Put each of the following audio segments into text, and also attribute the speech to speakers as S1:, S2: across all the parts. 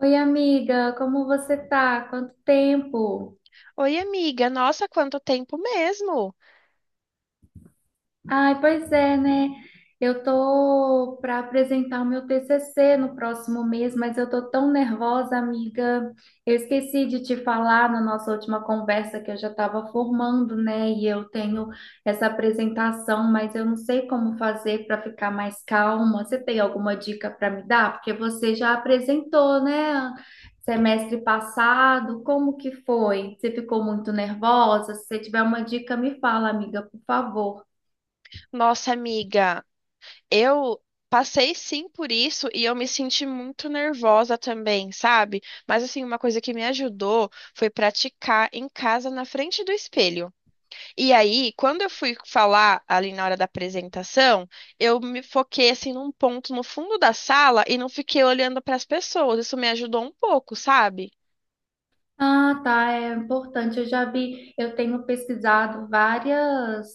S1: Oi, amiga, como você tá? Quanto tempo?
S2: Oi, amiga. Nossa, quanto tempo mesmo.
S1: Ai, pois é, né? Eu tô para apresentar o meu TCC no próximo mês, mas eu tô tão nervosa, amiga. Eu esqueci de te falar na nossa última conversa que eu já estava formando, né? E eu tenho essa apresentação, mas eu não sei como fazer para ficar mais calma. Você tem alguma dica para me dar? Porque você já apresentou, né? Semestre passado, como que foi? Você ficou muito nervosa? Se você tiver uma dica, me fala, amiga, por favor.
S2: Nossa, amiga, eu passei sim por isso e eu me senti muito nervosa também, sabe? Mas assim, uma coisa que me ajudou foi praticar em casa na frente do espelho. E aí, quando eu fui falar ali na hora da apresentação, eu me foquei assim num ponto no fundo da sala e não fiquei olhando para as pessoas. Isso me ajudou um pouco, sabe?
S1: Ah, tá, é importante. Eu já vi, eu tenho pesquisado várias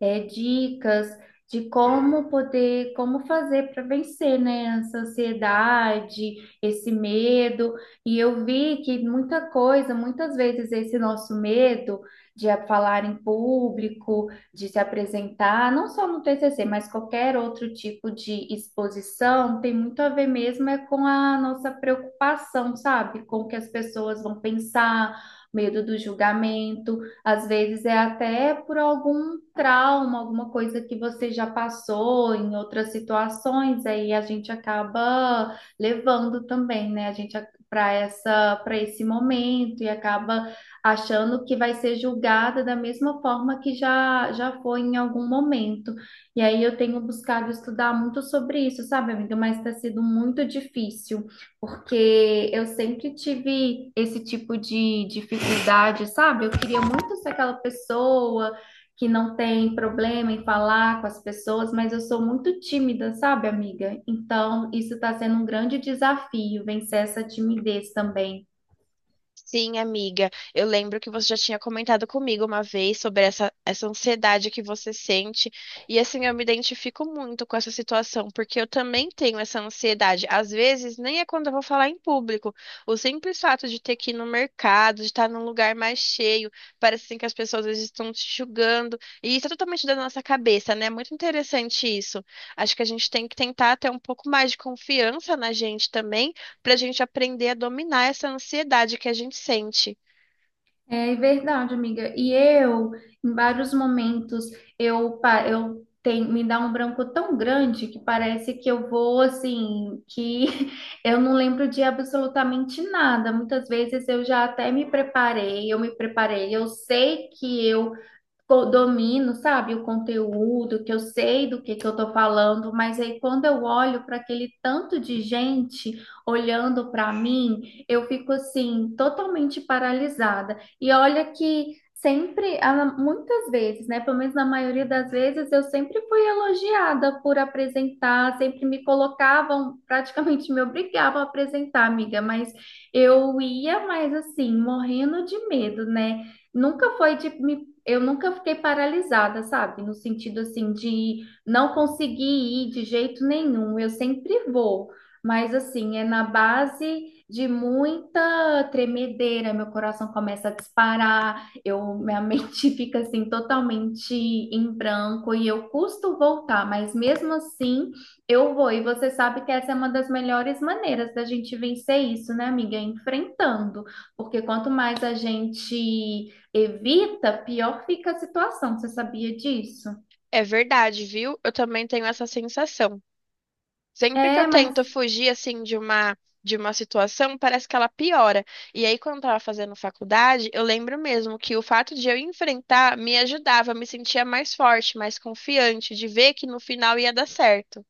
S1: dicas de como poder, como fazer para vencer, né, essa ansiedade, esse medo. E eu vi que muita coisa, muitas vezes esse nosso medo de falar em público, de se apresentar, não só no TCC, mas qualquer outro tipo de exposição, tem muito a ver mesmo é com a nossa preocupação, sabe? Com o que as pessoas vão pensar, medo do julgamento, às vezes é até por algum trauma, alguma coisa que você já passou em outras situações, aí a gente acaba levando também, né? A gente para esse momento e acaba achando que vai ser julgada da mesma forma que já foi em algum momento. E aí eu tenho buscado estudar muito sobre isso, sabe, amiga? Mas está sendo muito difícil, porque eu sempre tive esse tipo de dificuldade, sabe? Eu queria muito ser aquela pessoa que não tem problema em falar com as pessoas, mas eu sou muito tímida, sabe, amiga? Então, isso está sendo um grande desafio, vencer essa timidez também.
S2: Sim, amiga, eu lembro que você já tinha comentado comigo uma vez sobre essa ansiedade que você sente. E assim, eu me identifico muito com essa situação, porque eu também tenho essa ansiedade. Às vezes, nem é quando eu vou falar em público. O simples fato de ter que ir no mercado, de estar num lugar mais cheio, parece assim que as pessoas às vezes estão te julgando. E isso é totalmente da nossa cabeça, né? É muito interessante isso. Acho que a gente tem que tentar ter um pouco mais de confiança na gente também para a gente aprender a dominar essa ansiedade que a gente sente.
S1: É verdade, amiga. E eu, em vários momentos, eu, pa- eu tenho, me dá um branco tão grande que parece que eu vou assim, que eu não lembro de absolutamente nada. Muitas vezes eu já até me preparei, eu sei que eu domino, sabe, o conteúdo, que eu sei do que eu tô falando, mas aí quando eu olho para aquele tanto de gente olhando para mim, eu fico assim totalmente paralisada. E olha que sempre, ah, muitas vezes, né, pelo menos na maioria das vezes, eu sempre fui elogiada por apresentar, sempre me colocavam, praticamente me obrigavam a apresentar, amiga, mas eu ia mais assim, morrendo de medo, né? Nunca foi de me Eu nunca fiquei paralisada, sabe? No sentido assim de não conseguir ir de jeito nenhum. Eu sempre vou, mas assim, é na base de muita tremedeira, meu coração começa a disparar, eu minha mente fica assim totalmente em branco e eu custo voltar, mas mesmo assim eu vou. E você sabe que essa é uma das melhores maneiras da gente vencer isso, né, amiga? É enfrentando, porque quanto mais a gente evita, pior fica a situação. Você sabia disso?
S2: É verdade, viu? Eu também tenho essa sensação. Sempre que eu
S1: É, mas
S2: tento fugir assim de uma situação, parece que ela piora. E aí, quando eu tava fazendo faculdade, eu lembro mesmo que o fato de eu enfrentar me ajudava, me sentia mais forte, mais confiante, de ver que no final ia dar certo.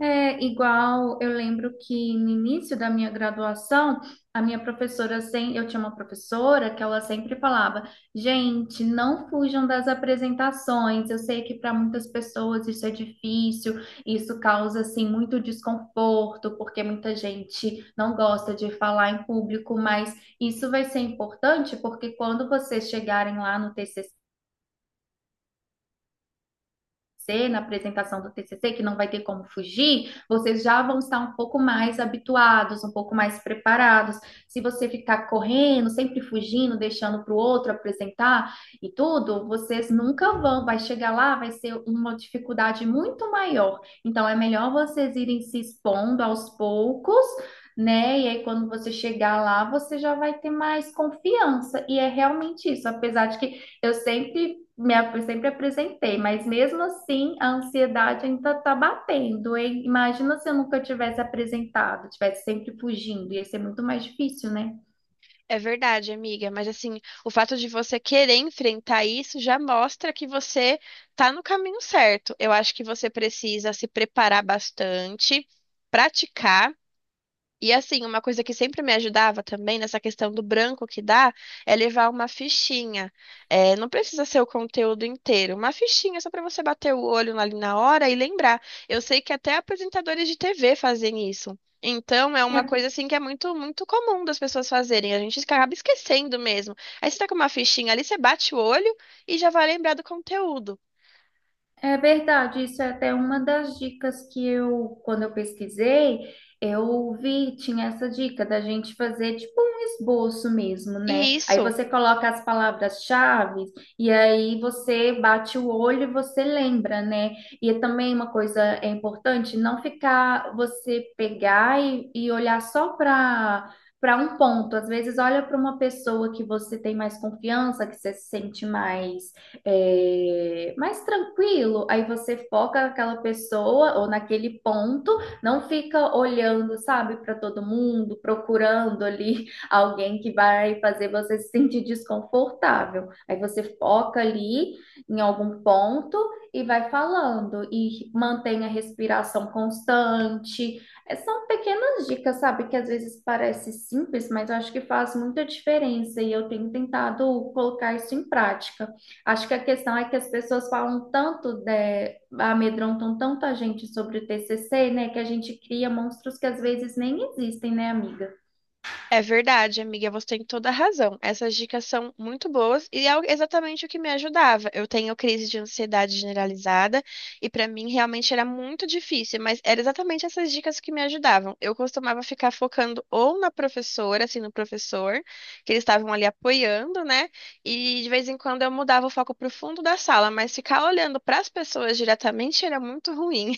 S1: é igual. Eu lembro que no início da minha graduação, a minha professora, sem, eu tinha uma professora que ela sempre falava: gente, não fujam das apresentações. Eu sei que para muitas pessoas isso é difícil, isso causa assim muito desconforto, porque muita gente não gosta de falar em público, mas isso vai ser importante porque quando vocês chegarem lá no TCC, na apresentação do TCC, que não vai ter como fugir, vocês já vão estar um pouco mais habituados, um pouco mais preparados. Se você ficar correndo, sempre fugindo, deixando para o outro apresentar e tudo, vocês nunca vão, vai chegar lá, vai ser uma dificuldade muito maior. Então, é melhor vocês irem se expondo aos poucos, né? E aí, quando você chegar lá, você já vai ter mais confiança. E é realmente isso, apesar de que eu sempre me, ap- sempre apresentei, mas mesmo assim a ansiedade ainda tá batendo, hein? Imagina se eu nunca tivesse apresentado, tivesse sempre fugindo, ia ser muito mais difícil, né?
S2: É verdade, amiga, mas assim, o fato de você querer enfrentar isso já mostra que você tá no caminho certo. Eu acho que você precisa se preparar bastante, praticar. E assim, uma coisa que sempre me ajudava também nessa questão do branco que dá é levar uma fichinha. É, não precisa ser o conteúdo inteiro, uma fichinha só para você bater o olho ali na hora e lembrar. Eu sei que até apresentadores de TV fazem isso. Então, é uma coisa assim que é muito comum das pessoas fazerem. A gente acaba esquecendo mesmo. Aí você tá com uma fichinha ali, você bate o olho e já vai lembrar do conteúdo.
S1: É verdade, isso é até uma das dicas que eu, quando eu pesquisei, eu vi, tinha essa dica da gente fazer tipo um esboço mesmo,
S2: E
S1: né? Aí
S2: isso
S1: você coloca as palavras-chave e aí você bate o olho e você lembra, né? E também uma coisa é importante, não ficar você pegar e olhar só para um ponto. Às vezes olha para uma pessoa que você tem mais confiança, que você se sente mais mais tranquilo. Aí você foca naquela pessoa ou naquele ponto, não fica olhando, sabe, para todo mundo, procurando ali alguém que vai fazer você se sentir desconfortável. Aí você foca ali em algum ponto e vai falando e mantém a respiração constante. É, são pequenas dicas, sabe, que às vezes parece simples, mas eu acho que faz muita diferença e eu tenho tentado colocar isso em prática. Acho que a questão é que as pessoas falam tanto, amedrontam tanto a gente sobre o TCC, né, que a gente cria monstros que às vezes nem existem, né, amiga?
S2: é verdade, amiga, você tem toda a razão. Essas dicas são muito boas e é exatamente o que me ajudava. Eu tenho crise de ansiedade generalizada e para mim realmente era muito difícil, mas era exatamente essas dicas que me ajudavam. Eu costumava ficar focando ou na professora, assim, no professor, que eles estavam ali apoiando, né? E de vez em quando eu mudava o foco para o fundo da sala, mas ficar olhando para as pessoas diretamente era muito ruim.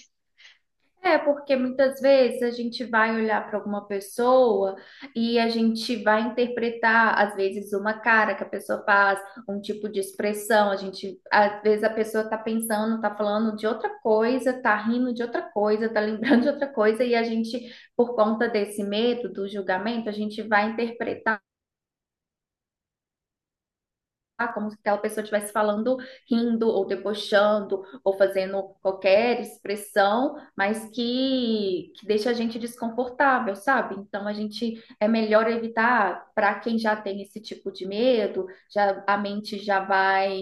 S1: É, porque muitas vezes a gente vai olhar para alguma pessoa e a gente vai interpretar, às vezes, uma cara que a pessoa faz, um tipo de expressão. A gente, às vezes, a pessoa está pensando, está falando de outra coisa, está rindo de outra coisa, está lembrando de outra coisa, e a gente, por conta desse medo do julgamento, a gente vai interpretar. Ah, como se aquela pessoa estivesse falando, rindo, ou debochando, ou fazendo qualquer expressão, mas que deixa a gente desconfortável, sabe? Então a gente é melhor evitar. Para quem já tem esse tipo de medo, já a mente já vai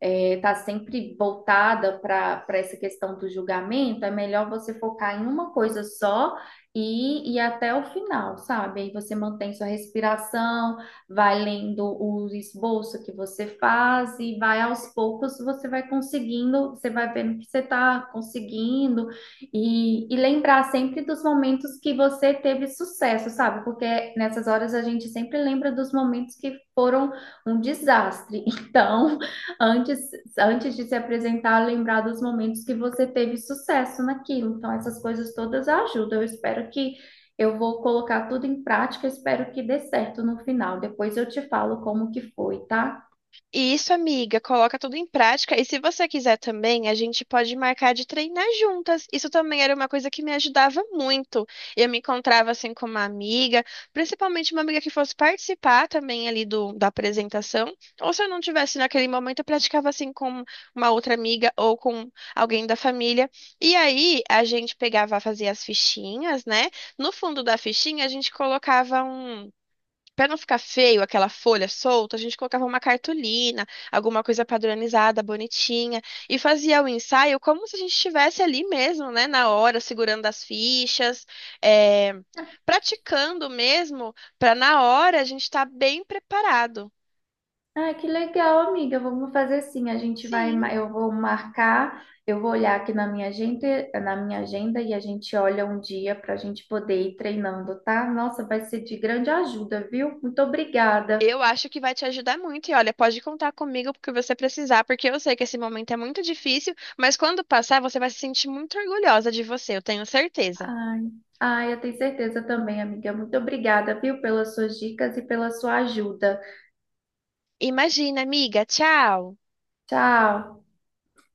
S1: estar sempre voltada para essa questão do julgamento, é melhor você focar em uma coisa só. E até o final, sabe? Aí você mantém sua respiração, vai lendo o esboço que você faz e vai aos poucos, você vai conseguindo, você vai vendo que você está conseguindo e lembrar sempre dos momentos que você teve sucesso, sabe? Porque nessas horas a gente sempre lembra dos momentos que foram um desastre. Então, antes, antes de se apresentar, lembrar dos momentos que você teve sucesso naquilo. Então, essas coisas todas ajudam. Eu espero que eu vou colocar tudo em prática, espero que dê certo no final. Depois eu te falo como que foi, tá?
S2: Isso, amiga, coloca tudo em prática. E se você quiser também, a gente pode marcar de treinar juntas. Isso também era uma coisa que me ajudava muito. Eu me encontrava assim com uma amiga, principalmente uma amiga que fosse participar também ali do, da apresentação. Ou se eu não tivesse naquele momento, eu praticava assim com uma outra amiga ou com alguém da família. E aí a gente pegava, fazia as fichinhas, né? No fundo da fichinha, a gente colocava um, pra não ficar feio aquela folha solta, a gente colocava uma cartolina, alguma coisa padronizada, bonitinha, e fazia o ensaio como se a gente estivesse ali mesmo, né, na hora, segurando as fichas, é, praticando mesmo, para na hora a gente estar bem preparado.
S1: Ah, que legal, amiga. Vamos fazer assim. A gente vai,
S2: Sim,
S1: ma- eu vou marcar, eu vou olhar aqui na minha agenda, e a gente olha um dia para a gente poder ir treinando, tá? Nossa, vai ser de grande ajuda, viu? Muito obrigada.
S2: eu acho que vai te ajudar muito. E olha, pode contar comigo porque você precisar, porque eu sei que esse momento é muito difícil, mas quando passar, você vai se sentir muito orgulhosa de você, eu tenho certeza.
S1: Ai, ai, eu tenho certeza também, amiga. Muito obrigada, viu, pelas suas dicas e pela sua ajuda.
S2: Imagina, amiga, tchau!
S1: Tchau.